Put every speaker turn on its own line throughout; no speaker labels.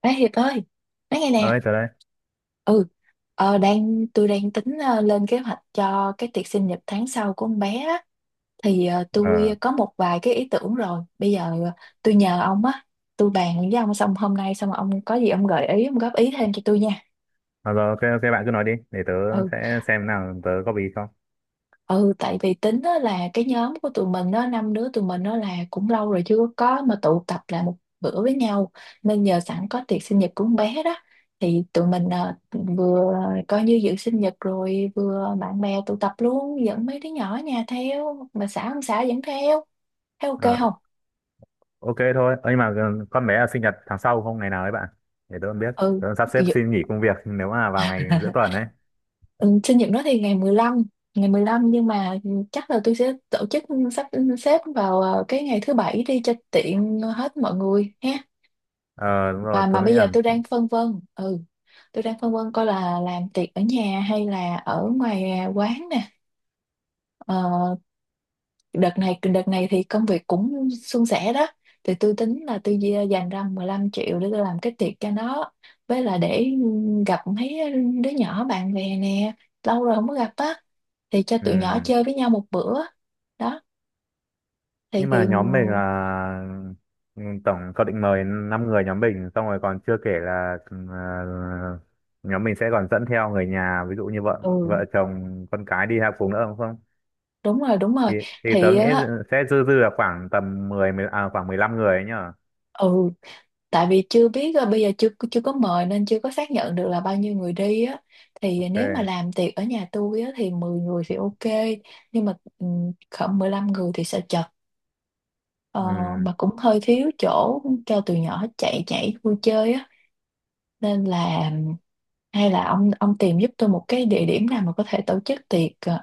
Ê Hiệp ơi, nói nghe
Ở
nè.
đây, tớ đây.
Ừ, ờ, đang tôi đang tính lên kế hoạch cho cái tiệc sinh nhật tháng sau của con bé á. Thì tôi
Ờ,
có một vài cái ý tưởng rồi. Bây giờ tôi nhờ ông á, tôi bàn với ông xong hôm nay xong rồi ông có gì ông gợi ý, ông góp ý thêm cho tôi nha.
à, rồi, ok, ok, bạn cứ nói đi, để tớ
Ừ.
sẽ xem nào tớ góp ý không.
Ừ, tại vì tính á là cái nhóm của tụi mình đó, năm đứa tụi mình đó là cũng lâu rồi chưa có mà tụ tập lại một bữa với nhau, nên nhờ sẵn có tiệc sinh nhật của con bé đó thì tụi mình vừa coi như dự sinh nhật rồi vừa bạn bè tụ tập luôn, dẫn mấy đứa nhỏ ở nhà theo mà xã không xã dẫn theo, thấy ok
Ờ,
không.
ok thôi. Ơ, nhưng mà ừ, con bé là sinh nhật tháng sau không, ngày nào đấy bạn? Để tớ còn biết,
Ừ.
tớ sắp xếp
dự-
xin nghỉ công việc nếu mà vào ngày giữa tuần ấy.
Ừ, sinh nhật nó thì ngày mười lăm nhưng mà chắc là tôi sẽ tổ chức, sắp xếp vào cái ngày thứ bảy đi cho tiện hết mọi người ha.
Ờ, đúng rồi,
mà
tớ
mà
nghĩ
bây giờ
là,
tôi đang phân vân, coi là làm tiệc ở nhà hay là ở ngoài quán nè. ờ, đợt này thì công việc cũng suôn sẻ đó, thì tôi tính là tôi dành ra 15 triệu để tôi làm cái tiệc cho nó, với là để gặp mấy đứa nhỏ bạn bè nè, lâu rồi không có gặp á, thì cho tụi nhỏ
ừm,
chơi với nhau một bữa đó. thì
nhưng mà
thì
nhóm mình là, tổng cậu định mời 5 người nhóm mình, xong rồi còn chưa kể là, nhóm mình sẽ còn dẫn theo người nhà, ví dụ như
ừ,
vợ chồng, con cái đi học cùng nữa đúng không?
đúng rồi, đúng rồi.
thì thì tớ
Thì
nghĩ
á,
sẽ dư dư là khoảng tầm 10, 10 à, khoảng 15 người ấy nhở.
ừ, tại vì chưa biết, bây giờ chưa chưa có mời nên chưa có xác nhận được là bao nhiêu người đi á. Thì nếu mà
Ok.
làm tiệc ở nhà tôi á thì 10 người thì ok, nhưng mà khoảng 15 người thì sợ chật. Ờ,
Ừ.
mà cũng hơi thiếu chỗ cho tụi nhỏ chạy nhảy vui chơi á, nên là hay là ông tìm giúp tôi một cái địa điểm nào mà có thể tổ chức tiệc, ờ,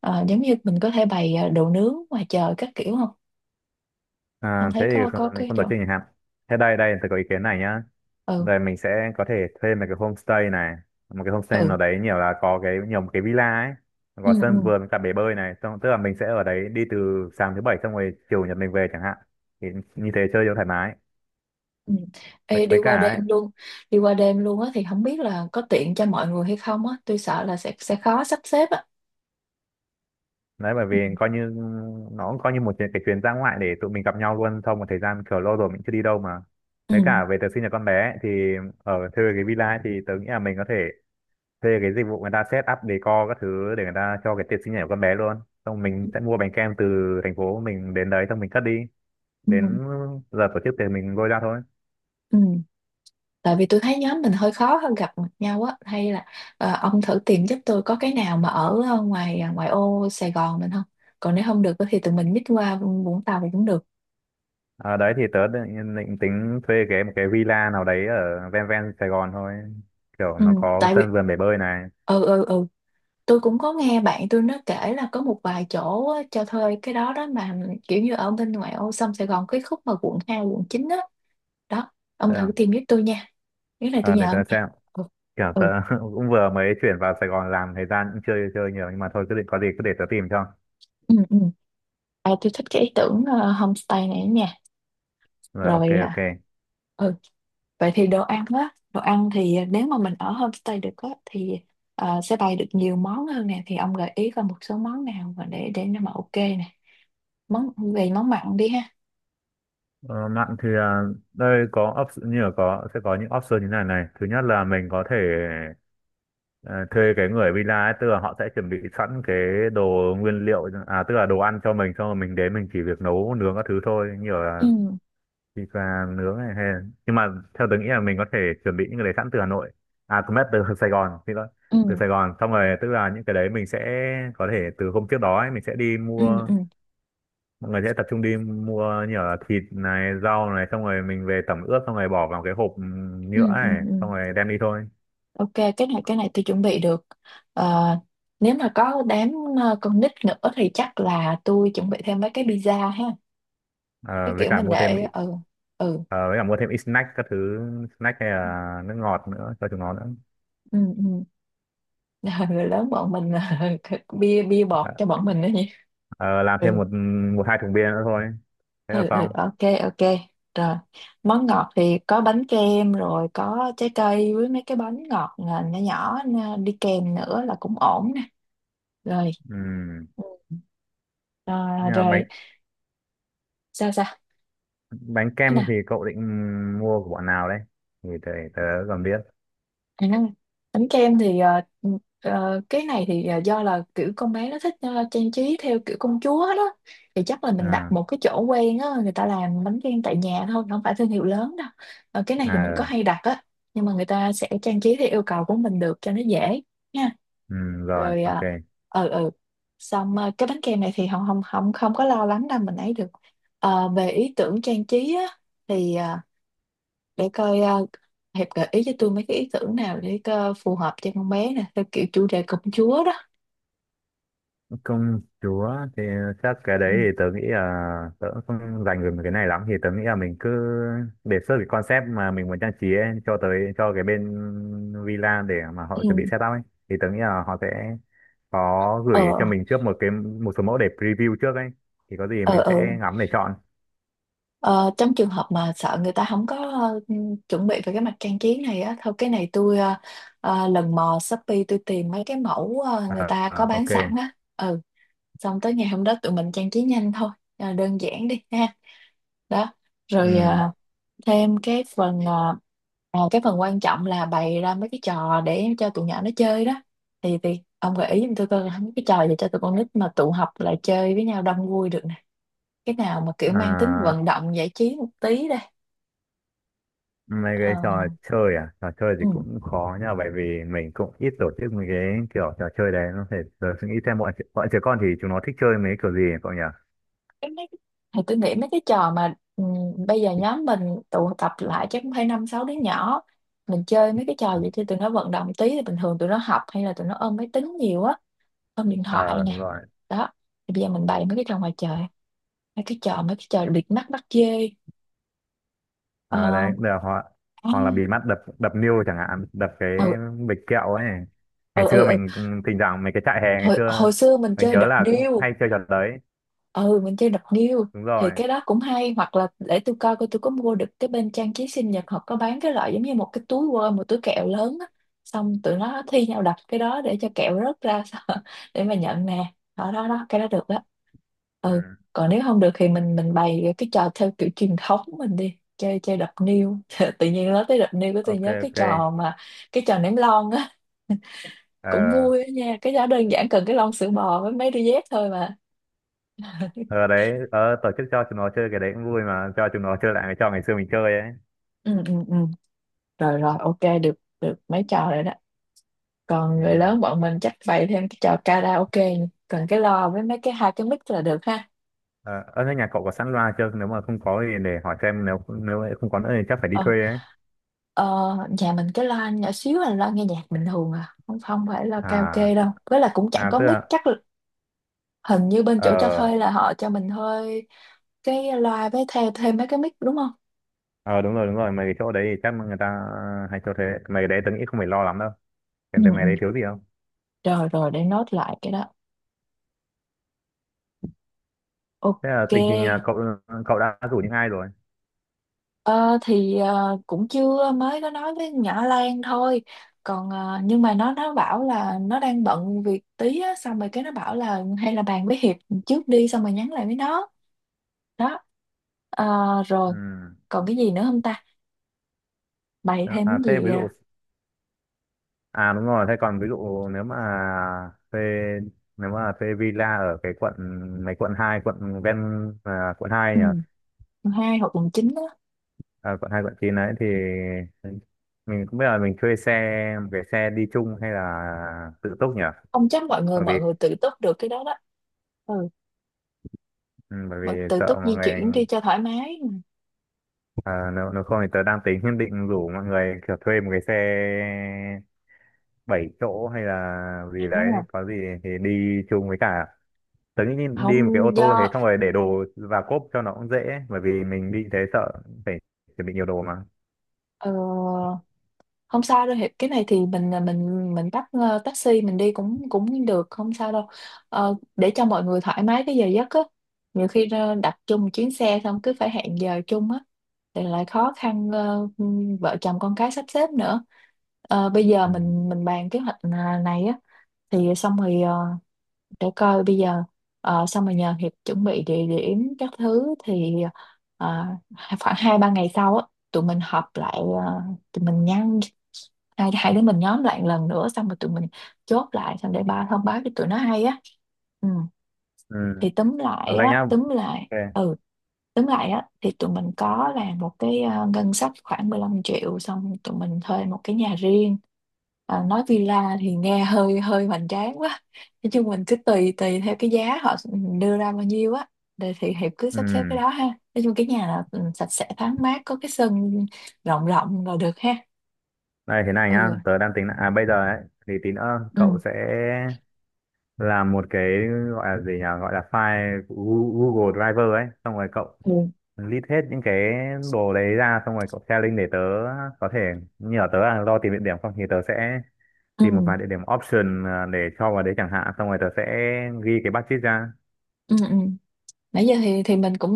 ờ, giống như mình có thể bày đồ nướng ngoài trời các kiểu không. Ông
À, thế
thấy
thì
có có
mình
cái
không tổ
chỗ.
chức nhà hàng. Thế đây đây tôi có ý kiến này nhá.
Ừ,
Rồi mình sẽ có thể thuê một cái homestay này, một cái homestay
ừ,
nào đấy, nhiều là có cái nhiều một cái villa ấy,
ừ,
có
ừ.
sân vườn với cả bể bơi này, xong tức là mình sẽ ở đấy đi từ sáng thứ bảy xong rồi chiều nhật mình về chẳng hạn. Thì như thế chơi cho thoải mái.
Ừ.
với,
Ê, đi
với
qua
cả
đêm
ấy,
luôn. Đi qua đêm luôn á thì không biết là có tiện cho mọi người hay không á, tôi sợ là sẽ khó sắp xếp á.
đấy bởi vì coi như nó cũng coi như cái chuyến ra ngoại để tụi mình gặp nhau luôn sau một thời gian, kiểu lâu rồi mình chưa đi đâu mà. Với
Ừ.
cả về tớ sinh nhật con bé ấy, thì ở thuê cái villa ấy, thì tớ nghĩ là mình có thể thuê cái dịch vụ người ta set up decor các thứ để người ta cho cái tiệc sinh nhật của con bé luôn. Xong mình sẽ mua bánh kem từ thành phố mình đến đấy xong mình cất đi,
Ừ.
đến giờ tổ chức thì mình lôi ra thôi.
Ừ. Tại vì tôi thấy nhóm mình hơi khó hơn gặp mặt nhau á, hay là ông thử tìm giúp tôi có cái nào mà ở ngoài ô Sài Gòn mình không, còn nếu không được á thì tụi mình nhích qua Vũng Tàu thì cũng được.
À, đấy thì tớ định tính thuê cái một cái villa nào đấy ở ven ven Sài Gòn thôi, kiểu
Ừ.
nó có
Tại vì
sân vườn bể bơi này.
ừ ừ ừ tôi cũng có nghe bạn tôi nó kể là có một vài chỗ á, cho thuê cái đó đó mà, kiểu như ở bên ngoại ô sông Sài Gòn cái khúc mà quận 2, quận 9 á đó. Ông
Thế
thử
à?
tìm giúp tôi nha, nếu này tôi
Ờ, để
nhờ ông
tớ
nha.
xem,
Ừ,
kiểu tớ
ừ,
cũng vừa mới chuyển vào Sài Gòn làm thời gian cũng chưa chơi nhiều, nhưng mà thôi cứ định có gì cứ để tớ tìm cho.
ừ, ừ. À, tôi thích cái ý tưởng homestay này nha.
Rồi, ok,
Rồi. À,
ok.
ừ vậy thì đồ ăn thì nếu mà mình ở homestay được á thì sẽ bày được nhiều món hơn nè, thì ông gợi ý coi một số món nào mà để nó mà ok nè. Về món mặn đi ha.
Ờ, mạng thì à, đây có option như là có sẽ có những option như này này. Thứ nhất là mình có thể ờ, thuê cái người villa ấy, tức là họ sẽ chuẩn bị sẵn cái đồ nguyên liệu, à tức là đồ ăn cho mình, xong rồi mình đến mình chỉ việc nấu nướng các thứ thôi, như nhiều
Ừ,
thịt và nướng này hay. Nhưng mà theo tớ nghĩ là mình có thể chuẩn bị những cái đấy sẵn từ Hà Nội, à không biết từ Sài Gòn thì đó,
ừ,
từ Sài Gòn. Xong rồi tức là những cái đấy mình sẽ có thể từ hôm trước đó ấy, mình sẽ đi
ừ,
mua,
ừ,
mọi người sẽ tập trung đi mua như là thịt này rau này, xong rồi mình về tẩm ướp, xong rồi bỏ vào cái hộp
ừ,
nhựa
ừ,
này
ừ.
xong rồi đem đi thôi.
Ok, cái này tôi chuẩn bị được. Ờ, nếu mà có đám, con nít nữa thì chắc là tôi chuẩn bị thêm mấy cái pizza ha. Cái
Ờ, với
kiểu
cả
mình
mua thêm
để. Ừ, ừ,
ờ, với cả mua thêm ít snack các thứ, snack hay là nước ngọt nữa cho chúng nó nữa.
ừ, ừ. Người lớn bọn mình bia bia bọt
Ờ,
cho bọn mình đó nhỉ.
ờ, làm
Ừ.
thêm một một hai thùng bia nữa thôi, thế là
Ừ, ừ,
xong.
ok, ok, rồi. Món ngọt thì có bánh kem rồi, có trái cây với mấy cái bánh ngọt à, nhỏ nhỏ, à, đi kèm nữa là cũng ổn nè. Rồi.
Ừm.
Ừ. À,
Nhưng mà bánh
rồi, sao sao.
bánh kem thì cậu định mua của bọn nào đấy thì tớ còn biết.
À, bánh kem thì cái này thì do là kiểu con bé nó thích trang trí theo kiểu công chúa đó, thì chắc là mình đặt
À.
một cái chỗ quen á, người ta làm bánh kem tại nhà thôi, không phải thương hiệu lớn đâu. Ờ, cái này thì mình có
À.
hay đặt á, nhưng mà người ta sẽ trang trí theo yêu cầu của mình được cho nó dễ nha.
Ừ, ừ, rồi
Rồi.
ok.
Ờ ừ ừ Xong cái bánh kem này thì không không không không có lo lắng đâu, mình ấy được. Ờ, về ý tưởng trang trí á thì để coi, Hiệp gợi ý cho tôi mấy cái ý tưởng nào để phù hợp cho con bé nè theo kiểu chủ đề công chúa đó.
Công chúa thì chắc cái
Ừ,
đấy thì tớ nghĩ là tớ cũng không dành về cái này lắm, thì tớ nghĩ là mình cứ đề xuất cái concept mà mình muốn trang trí ấy, cho tới cho cái bên villa để mà họ chuẩn bị
ừ,
setup ấy, thì tớ nghĩ là họ sẽ có gửi cho
ờ,
mình trước một cái một số mẫu để preview trước ấy, thì có gì
ờ,
mình
ờ.
sẽ ngắm để chọn.
Ờ, trong trường hợp mà sợ người ta không có chuẩn bị về cái mặt trang trí này á thôi, cái này tôi lần mò Shopee tôi tìm mấy cái mẫu, người
Ờ,
ta có
ờ,
bán
ok.
sẵn á. Ừ. Xong tới ngày hôm đó tụi mình trang trí nhanh thôi. Ờ, đơn giản đi ha. Đó. Rồi
Ừ.
thêm cái phần quan trọng là bày ra mấy cái trò để cho tụi nhỏ nó chơi đó, thì ông gợi ý giùm tôi coi mấy cái trò gì cho tụi con nít mà tụ họp lại chơi với nhau đông vui được nè, cái nào mà kiểu mang tính
À,
vận động giải trí một tí đây.
mấy
ờ,
cái trò chơi, à trò chơi
ừ.
thì cũng khó nha, bởi vì mình cũng ít tổ chức mấy cái kiểu trò chơi đấy, nó phải giờ suy nghĩ xem bọn trẻ con thì chúng nó thích chơi mấy kiểu gì ấy, cậu nhỉ.
Cái mấy, thì tôi nghĩ mấy cái trò mà, bây giờ nhóm mình tụ tập lại chắc cũng phải năm sáu đứa nhỏ, mình chơi mấy cái trò
Ừ.
gì cho tụi nó vận động tí, thì bình thường tụi nó học hay là tụi nó ôm máy tính nhiều á, ôm điện thoại
Ờ đúng
nè.
rồi.
Đó. Thì bây giờ mình bày mấy cái trò ngoài trời, mấy cái trò bịt mắt bắt dê. Ờ.
Ờ đấy là hoặc
À.
hoặc là bịt mắt đập đập niêu chẳng hạn, đập cái
Ừ,
bịch kẹo ấy, ngày
ừ,
xưa
ừ, ừ.
thỉnh thoảng mấy cái trại hè ngày
hồi,
xưa
hồi xưa mình
mình
chơi
nhớ
đập
là cũng
niêu.
hay chơi trò đấy.
Ừ, mình chơi đập niêu.
Đúng
Thì
rồi.
cái đó cũng hay, hoặc là để tôi coi coi tôi có mua được cái bên trang trí sinh nhật, họ có bán cái loại giống như một cái túi quơ, một túi kẹo lớn á, xong tụi nó thi nhau đập cái đó để cho kẹo rớt ra sao, để mà nhận nè. Đó, đó, đó, cái đó được đó. Ừ.
Ừ.
Còn nếu không được thì mình bày cái trò theo kiểu truyền thống, mình đi chơi chơi đập niêu. Tự nhiên nói tới đập niêu của tôi
Ok.
nhớ
Ok.
cái trò ném lon á, cũng
Ờ.
vui á nha, cái đó đơn giản cần cái lon sữa bò với mấy đôi dép thôi mà.
Ờ đấy, ờ, tổ chức cho chúng nó chơi cái đấy cũng vui, mà cho chúng nó chơi lại cái trò ngày xưa mình chơi ấy.
Ừ, ừ, ừ. Rồi, rồi, ok, được được mấy trò rồi đó. Còn người
Ừ.
lớn bọn mình chắc bày thêm cái trò karaoke, cần cái loa với mấy cái hai cái mic là được ha.
Ờ, ở thế nhà cậu có sẵn loa chưa? Nếu mà không có thì để hỏi xem, nếu nếu không có nữa thì chắc phải đi
Ờ,
thuê ấy.
ờ, Nhà mình cái loa nhỏ xíu, là loa nghe nhạc bình thường à, không không phải loa
À.
karaoke đâu. Với là cũng chẳng
À
có
tức
mic,
là.
chắc là- hình như bên chỗ cho
Ờ.
thuê là họ cho mình thuê cái loa với thêm thêm mấy cái mic, đúng không?
Ờ đúng rồi, đúng rồi, mấy cái chỗ đấy thì chắc người ta ờ, hay cho thế. Mấy cái đấy tớ nghĩ không phải lo lắm đâu.
Ừ,
Xem thấy mấy
ừ.
đấy thiếu gì không?
Rồi, rồi, để nốt lại cái đó. Ok.
Thế là tình hình là cậu cậu đã rủ những ai rồi?
Ờ, thì cũng chưa, mới có nói với nhỏ Lan thôi, còn nhưng mà nó bảo là nó đang bận việc tí á, xong rồi cái nó bảo là hay là bàn với Hiệp trước đi, xong rồi nhắn lại với nó đó. Ờ. Rồi.
Ừ.
Còn cái gì nữa không ta, bày
À
thêm cái
thế
gì
ví dụ,
à?
à đúng rồi, thế còn ví dụ thuê nếu mà thuê villa ở cái quận mấy, quận hai, quận ven, à, quận 2
Ừ,
nhỉ?
mùng 2 hoặc mùng 9 á.
À, bọn hai bọn chín đấy thì mình cũng biết là mình thuê xe một cái xe đi chung hay là tự túc nhỉ,
Không, chắc mọi người
bởi vì
mọi người tự túc được cái đó đó. Ừ.
ừ, bởi vì
Tự
sợ
túc di
mọi người,
chuyển đi cho thoải mái.
à, nếu không thì tớ đang tính nhất định rủ mọi người kiểu thuê một cái xe bảy chỗ hay là gì đấy
À,
có gì, thì đi chung với cả tớ nghĩ đi một cái
không
ô tô thế,
do
xong rồi để đồ và cốp cho nó cũng dễ, bởi vì mình đi thế sợ phải chuẩn bị nhiều đồ mà.
ờ, không sao đâu Hiệp, cái này thì mình bắt taxi mình đi cũng cũng được, không sao đâu. Ờ, để cho mọi người thoải mái cái giờ giấc á, nhiều khi đặt chung một chuyến xe xong cứ phải hẹn giờ chung á thì lại khó khăn, vợ chồng con cái sắp xếp nữa. Ờ, bây giờ
Ừ.
mình bàn kế hoạch này á thì xong rồi, để coi bây giờ, xong rồi nhờ Hiệp chuẩn bị địa điểm các thứ, thì ờ, khoảng hai ba ngày sau á tụi mình họp lại, ờ, tụi mình nhắn, hai hai đứa mình nhóm lại một lần nữa, xong rồi tụi mình chốt lại xong để ba thông báo cho tụi nó hay á. Ừ,
Ừ.
thì
Còn đây nhá, ok.
túm lại á, thì tụi mình có làm một cái ngân sách khoảng 15 triệu, xong tụi mình thuê một cái nhà riêng. Ờ, nói villa thì nghe hơi hơi hoành tráng quá, nói chung mình cứ tùy tùy theo cái giá họ đưa ra bao nhiêu á, để thì Hiệp cứ
Ừ.
sắp xếp cái đó ha. Nói chung cái nhà là, sạch sẽ thoáng mát có cái sân rộng rộng là được ha.
Này thế này nhá,
Ừ,
tớ à bây giờ ấy, thì tí nữa
ừ.
cậu sẽ làm một cái, gọi là gì nhỉ, gọi là file của Google Driver ấy, xong rồi cậu
Ừ.
list hết những cái đồ đấy ra xong rồi cậu share link để tớ có thể, như ở tớ là lo tìm địa điểm, không thì tớ sẽ
Ừ,
tìm một vài địa điểm option, à, để cho vào đấy chẳng hạn, xong rồi tớ sẽ ghi cái budget ra.
ừ, ừ. Nãy giờ thì mình cũng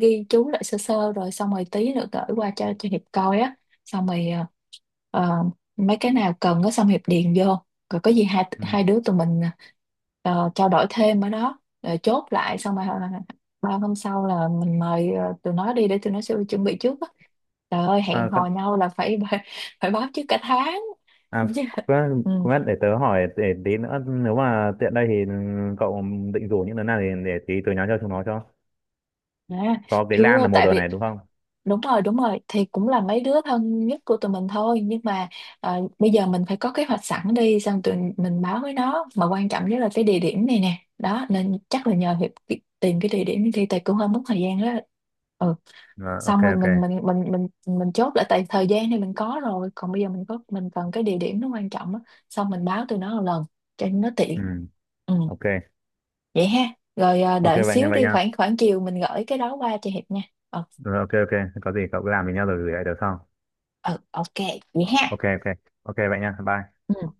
ghi chú lại sơ sơ rồi, xong rồi tí nữa gửi qua cho Hiệp coi á, xong rồi ờ, mấy cái nào cần á xong Hiệp điền vô, rồi có gì hai
Ừ.
hai đứa tụi mình trao đổi thêm ở đó rồi chốt lại, xong rồi ba hôm sau là mình mời tụi nó đi để tụi nó sẽ chuẩn bị trước á. Trời ơi
À,
hẹn hò
con,
nhau là phải phải báo trước cả tháng
à
chứ.
cũng
Ừ.
cũng biết để tớ hỏi, để tí nữa nếu mà tiện đây thì cậu định rủ những đứa nào thì để tí tớ nhắn cho chúng nó cho.
À,
Có cái Lan
chưa,
là mùa
tại
rồi
vì
này đúng không.
đúng rồi, đúng rồi. Thì cũng là mấy đứa thân nhất của tụi mình thôi nhưng mà bây giờ mình phải có kế hoạch sẵn đi, xong tụi mình báo với nó, mà quan trọng nhất là cái địa điểm này nè đó, nên chắc là nhờ Hiệp tìm cái địa điểm đi, tại cũng hơi mất thời gian đó. Ừ.
Rồi ok
Xong rồi
ok.
mình chốt lại, tại thời gian thì mình có rồi, còn bây giờ mình cần cái địa điểm nó quan trọng á, xong mình báo tụi nó một lần cho nó
Ừ.
tiện.
Ừ.
Ừ,
Ok
vậy ha. Rồi,
ok
đợi
vậy nha
xíu
vậy
đi,
nha.
khoảng khoảng chiều mình gửi cái đó qua cho Hiệp nha. Ừ,
Rồi ok ok, có gì cậu cứ làm với nhau rồi gửi lại được không?
ừ, ok, vậy ha.
Ok. Ok. Ok vậy nha, bye.
Ừ.